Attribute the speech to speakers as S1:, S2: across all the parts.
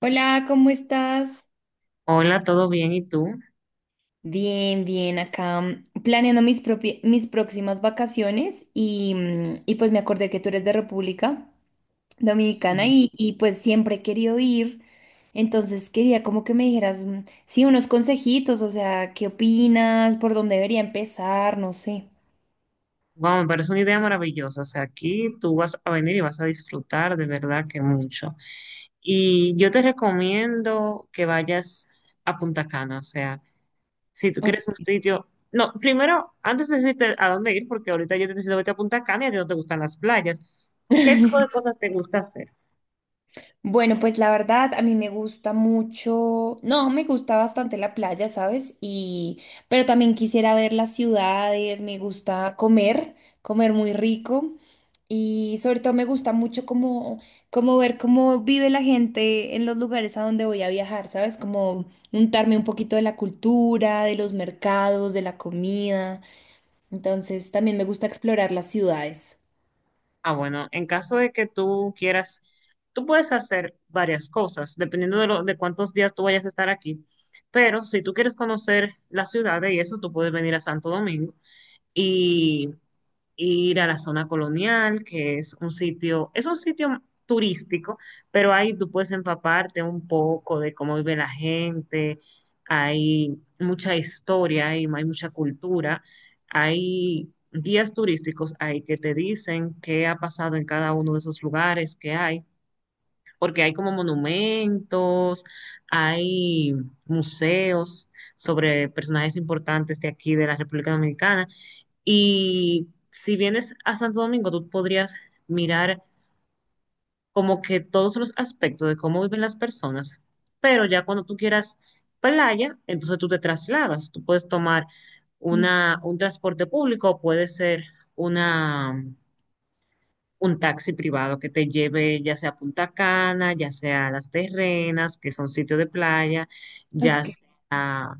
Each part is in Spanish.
S1: Hola, ¿cómo estás?
S2: Hola, ¿todo bien? ¿Y tú?
S1: Bien, bien, acá planeando mis próximas vacaciones y, y pues me acordé que tú eres de República Dominicana
S2: Sí.
S1: y pues siempre he querido ir, entonces quería como que me dijeras, sí, unos consejitos, o sea, ¿qué opinas? ¿Por dónde debería empezar? No sé.
S2: Wow, me parece una idea maravillosa. O sea, aquí tú vas a venir y vas a disfrutar de verdad que mucho. Y yo te recomiendo que vayas a Punta Cana. O sea, si tú quieres un
S1: Ok.
S2: sitio. No, primero, antes de decirte a dónde ir, porque ahorita yo te decido vete a Punta Cana y a ti no te gustan las playas. ¿Qué tipo de cosas te gusta hacer?
S1: Bueno, pues la verdad, a mí me gusta mucho, no, me gusta bastante la playa, ¿sabes? Y, pero también quisiera ver las ciudades, me gusta comer, comer muy rico y sobre todo me gusta mucho como, como ver cómo vive la gente en los lugares a donde voy a viajar, ¿sabes? Como untarme un poquito de la cultura, de los mercados, de la comida. Entonces, también me gusta explorar las ciudades.
S2: Ah, bueno, en caso de que tú quieras, tú puedes hacer varias cosas, dependiendo de, lo, de cuántos días tú vayas a estar aquí. Pero si tú quieres conocer las ciudades y eso, tú puedes venir a Santo Domingo y ir a la zona colonial, que es un sitio turístico, pero ahí tú puedes empaparte un poco de cómo vive la gente, hay mucha historia, hay mucha cultura, hay guías turísticos ahí que te dicen qué ha pasado en cada uno de esos lugares que hay, porque hay como monumentos, hay museos sobre personajes importantes de aquí de la República Dominicana. Y si vienes a Santo Domingo, tú podrías mirar como que todos los aspectos de cómo viven las personas, pero ya cuando tú quieras playa, entonces tú te trasladas, tú puedes tomar
S1: Mm,
S2: un transporte público, puede ser una, un taxi privado que te lleve ya sea a Punta Cana, ya sea a Las Terrenas, que son sitios de playa, ya sea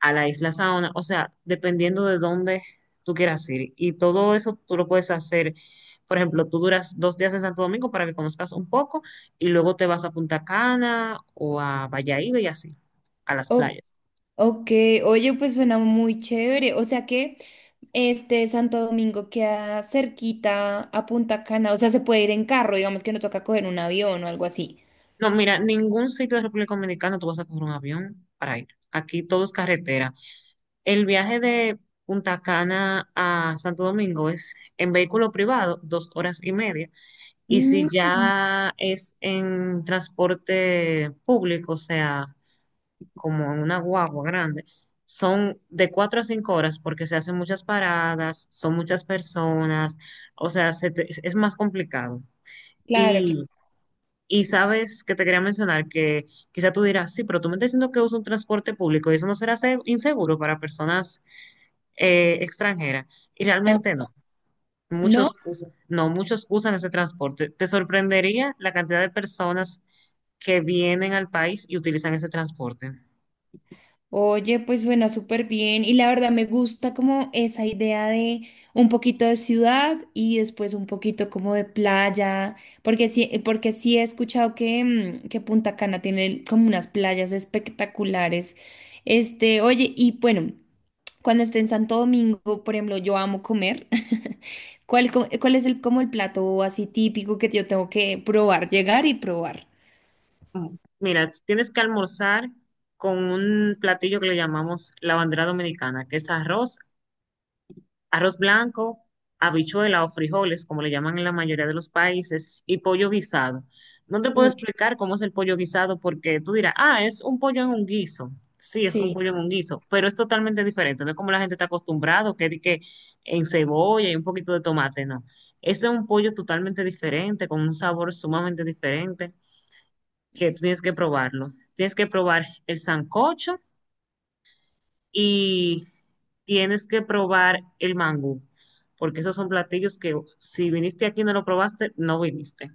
S2: a la isla Saona, o sea, dependiendo de dónde tú quieras ir. Y todo eso tú lo puedes hacer. Por ejemplo, tú duras 2 días en Santo Domingo para que conozcas un poco y luego te vas a Punta Cana o a Bayahíbe y así, a las
S1: ok.
S2: playas.
S1: Ok, oye, pues suena muy chévere. O sea que este Santo Domingo queda cerquita a Punta Cana. O sea, se puede ir en carro, digamos que no toca coger un avión o algo así.
S2: No, mira, ningún sitio de República Dominicana tú vas a coger un avión para ir. Aquí todo es carretera. El viaje de Punta Cana a Santo Domingo es en vehículo privado, 2 horas y media. Y si
S1: Mm.
S2: ya es en transporte público, o sea, como en una guagua grande, son de 4 a 5 horas porque se hacen muchas paradas, son muchas personas, o sea, es más complicado.
S1: Claro,
S2: Y,
S1: claro.
S2: y sabes que te quería mencionar que quizá tú dirás, sí, pero tú me estás diciendo que uso un transporte público y eso no será inseguro para personas extranjeras. Y
S1: Ah.
S2: realmente no.
S1: No.
S2: Muchos usan, no, muchos usan ese transporte. Te sorprendería la cantidad de personas que vienen al país y utilizan ese transporte.
S1: Oye, pues suena súper bien y la verdad me gusta como esa idea de un poquito de ciudad y después un poquito como de playa, porque sí he escuchado que, que Punta Cana tiene como unas playas espectaculares. Este, oye, y bueno, cuando esté en Santo Domingo, por ejemplo, yo amo comer. ¿Cuál, cuál es el, como el plato así típico que yo tengo que probar, llegar y probar?
S2: Mm. Mira, tienes que almorzar con un platillo que le llamamos la bandera dominicana, que es arroz, arroz blanco, habichuela o frijoles, como le llaman en la mayoría de los países, y pollo guisado. No te puedo
S1: Uy,
S2: explicar cómo es el pollo guisado porque tú dirás, ah, es un pollo en un guiso. Sí, es un
S1: sí.
S2: pollo en un guiso, pero es totalmente diferente. No es como la gente está acostumbrado, que, di que en cebolla y un poquito de tomate, no. Ese es un pollo totalmente diferente, con un sabor sumamente diferente, que tú tienes que probarlo. Tienes que probar el sancocho y tienes que probar el mango, porque esos son platillos que si viniste aquí y no lo probaste, no viniste.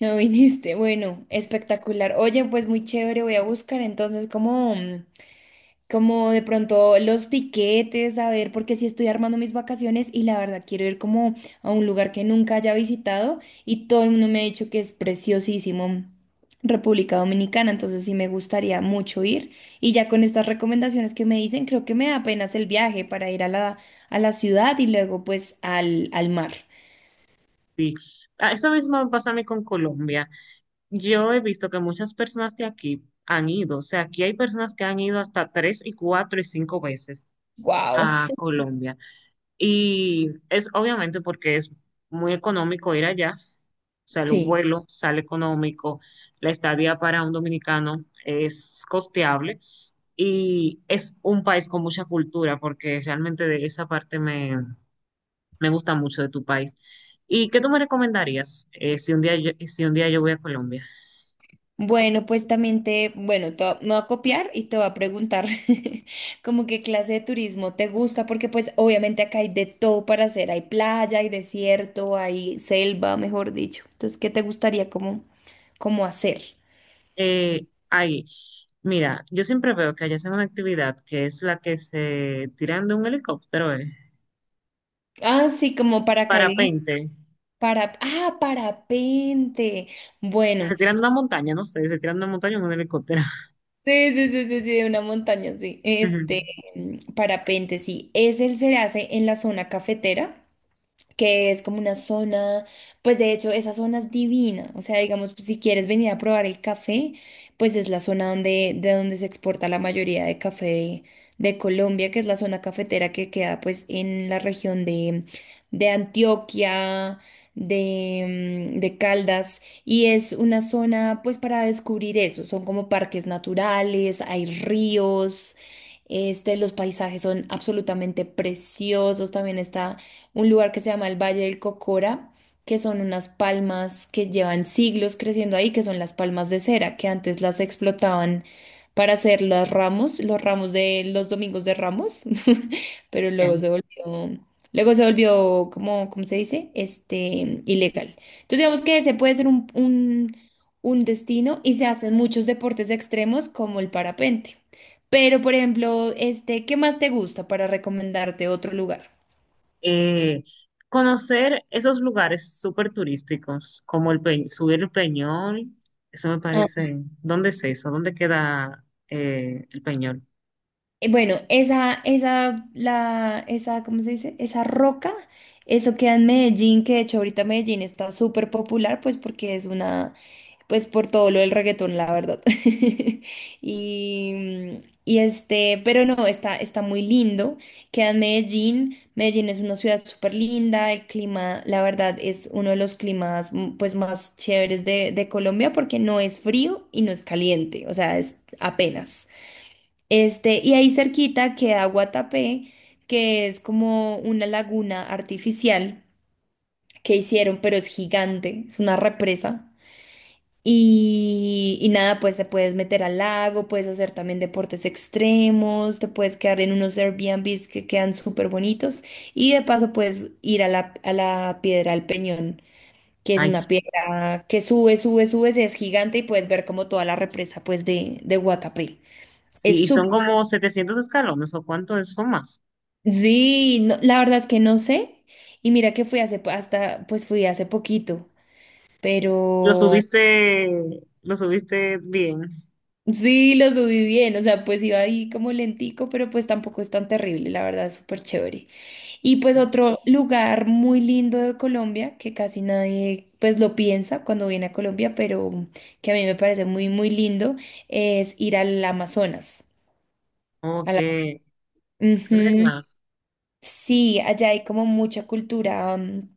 S1: No viniste. Bueno, espectacular. Oye, pues muy chévere. Voy a buscar entonces como, como de pronto los tiquetes, a ver, porque sí estoy armando mis vacaciones y la verdad quiero ir como a un lugar que nunca haya visitado y todo el mundo me ha dicho que es preciosísimo. República Dominicana, entonces sí me gustaría mucho ir y ya con estas recomendaciones que me dicen, creo que me da apenas el viaje para ir a la ciudad y luego pues al, al mar.
S2: Sí. Ah, eso mismo me pasa a mí con Colombia. Yo he visto que muchas personas de aquí han ido, o sea, aquí hay personas que han ido hasta 3 y 4 y 5 veces
S1: Wow,
S2: a Colombia. Y es obviamente porque es muy económico ir allá, o sea, el
S1: sí.
S2: vuelo sale económico, la estadía para un dominicano es costeable y es un país con mucha cultura, porque realmente de esa parte me gusta mucho de tu país. ¿Y qué tú me recomendarías si un día yo voy a Colombia?
S1: Bueno, pues también te, bueno, me voy a copiar y te voy a preguntar como qué clase de turismo te gusta, porque pues obviamente acá hay de todo para hacer, hay playa, hay desierto, hay selva, mejor dicho. Entonces, ¿qué te gustaría como, como hacer?
S2: Eh, ahí, Mira, yo siempre veo que allá hacen una actividad que es la que se tiran de un helicóptero,
S1: Ah, sí, como
S2: el
S1: paracaidismo,
S2: parapente.
S1: para, ah, parapente. Bueno,
S2: Se tiran de una montaña, no sé, se tiran de una montaña en un helicóptero.
S1: sí, sí, sí, sí, sí, de una montaña, sí.
S2: Ujú.
S1: Este, parapente, sí. Ese se hace en la zona cafetera, que es como una zona, pues de hecho esa zona es divina, o sea, digamos, pues, si quieres venir a probar el café, pues es la zona donde, de donde se exporta la mayoría de café de Colombia, que es la zona cafetera que queda pues en la región de Antioquia, de, de Caldas, y es una zona pues para descubrir eso, son como parques naturales, hay ríos. Este, los paisajes son absolutamente preciosos. También está un lugar que se llama el Valle del Cocora, que son unas palmas que llevan siglos creciendo ahí, que son las palmas de cera, que antes las explotaban para hacer los ramos de los domingos de Ramos, pero
S2: Ok.
S1: luego se volvió, como, ¿cómo se dice? Este, ilegal. Entonces digamos que ese puede ser un destino y se hacen muchos deportes extremos como el parapente. Pero, por ejemplo, este, ¿qué más te gusta para recomendarte otro lugar?
S2: eh, Conocer esos lugares súper turísticos, como subir el Peñol, eso me parece, ¿dónde es eso? ¿Dónde queda el Peñol?
S1: Bueno, esa, la, esa, ¿cómo se dice? Esa roca, eso queda en Medellín, que de hecho ahorita Medellín está súper popular, pues porque es una, pues por todo lo del reggaetón, la verdad. Y, y este, pero no, está, está muy lindo, queda en Medellín, Medellín es una ciudad súper linda, el clima, la verdad, es uno de los climas pues más chéveres de Colombia porque no es frío y no es caliente, o sea, es apenas. Este, y ahí cerquita queda Guatapé, que es como una laguna artificial que hicieron, pero es gigante, es una represa. Y nada, pues te puedes meter al lago, puedes hacer también deportes extremos, te puedes quedar en unos Airbnbs que quedan súper bonitos. Y de paso puedes ir a la Piedra del Peñón, que es
S2: Ay,
S1: una piedra que sube, sube, sube, es gigante y puedes ver como toda la represa pues de Guatapé.
S2: sí,
S1: Es
S2: y son
S1: súper.
S2: como 700 escalones, ¿o cuánto es? ¿Son más?
S1: Sí, la verdad es que no sé. Y mira que fui hasta, pues fui hace poquito,
S2: Lo
S1: pero
S2: subiste, lo subiste bien,
S1: sí lo subí bien, o sea, pues iba ahí como lentico, pero pues tampoco es tan terrible, la verdad es súper chévere. Y pues otro lugar muy lindo de Colombia, que casi nadie pues lo piensa cuando viene a Colombia, pero que a mí me parece muy, muy lindo, es ir al Amazonas. A
S2: ok,
S1: las-
S2: es
S1: Ujú.
S2: verdad.
S1: Sí, allá hay como mucha cultura.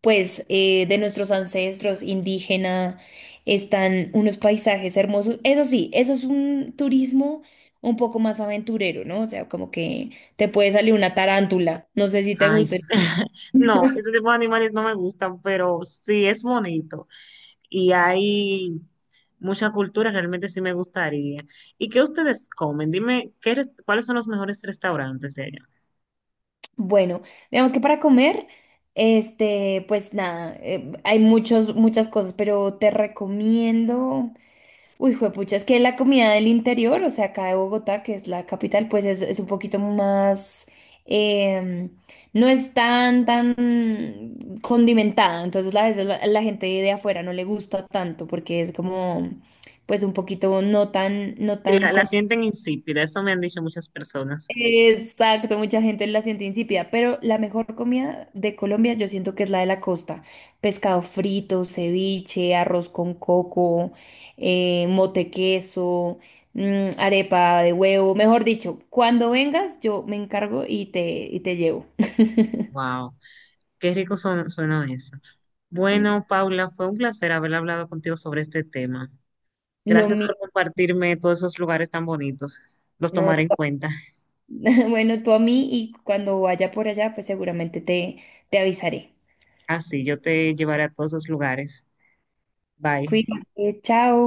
S1: Pues de nuestros ancestros indígena, están unos paisajes hermosos. Eso sí, eso es un turismo un poco más aventurero, ¿no? O sea, como que te puede salir una tarántula, no sé si te
S2: Ay, sí.
S1: guste.
S2: No, ese tipo de animales no me gustan, pero sí es bonito. Y hay mucha cultura, realmente sí me gustaría. ¿Y qué ustedes comen? Dime, ¿cuáles son los mejores restaurantes de allá?
S1: Bueno, digamos que para comer, este, pues nada, hay muchos, muchas cosas, pero te recomiendo. Uy, juepucha, es que la comida del interior, o sea, acá de Bogotá, que es la capital, pues es un poquito más, em, no es tan, tan condimentada. Entonces, a veces la, la gente de afuera no le gusta tanto porque es como, pues un poquito no tan, no
S2: Si La,
S1: tan.
S2: la sienten insípida, eso me han dicho muchas personas.
S1: Exacto, mucha gente la siente insípida, pero la mejor comida de Colombia yo siento que es la de la costa. Pescado frito, ceviche, arroz con coco, mote queso, arepa de huevo, mejor dicho, cuando vengas yo me encargo y te llevo.
S2: Wow, qué rico suena eso.
S1: Sí,
S2: Bueno, Paula, fue un placer haber hablado contigo sobre este tema.
S1: lo
S2: Gracias
S1: mismo,
S2: por compartirme todos esos lugares tan bonitos. Los
S1: no, tú-
S2: tomaré en cuenta.
S1: bueno, tú a mí y cuando vaya por allá pues seguramente te, te avisaré.
S2: Así, yo te llevaré a todos esos lugares. Bye.
S1: Cuídate, chao.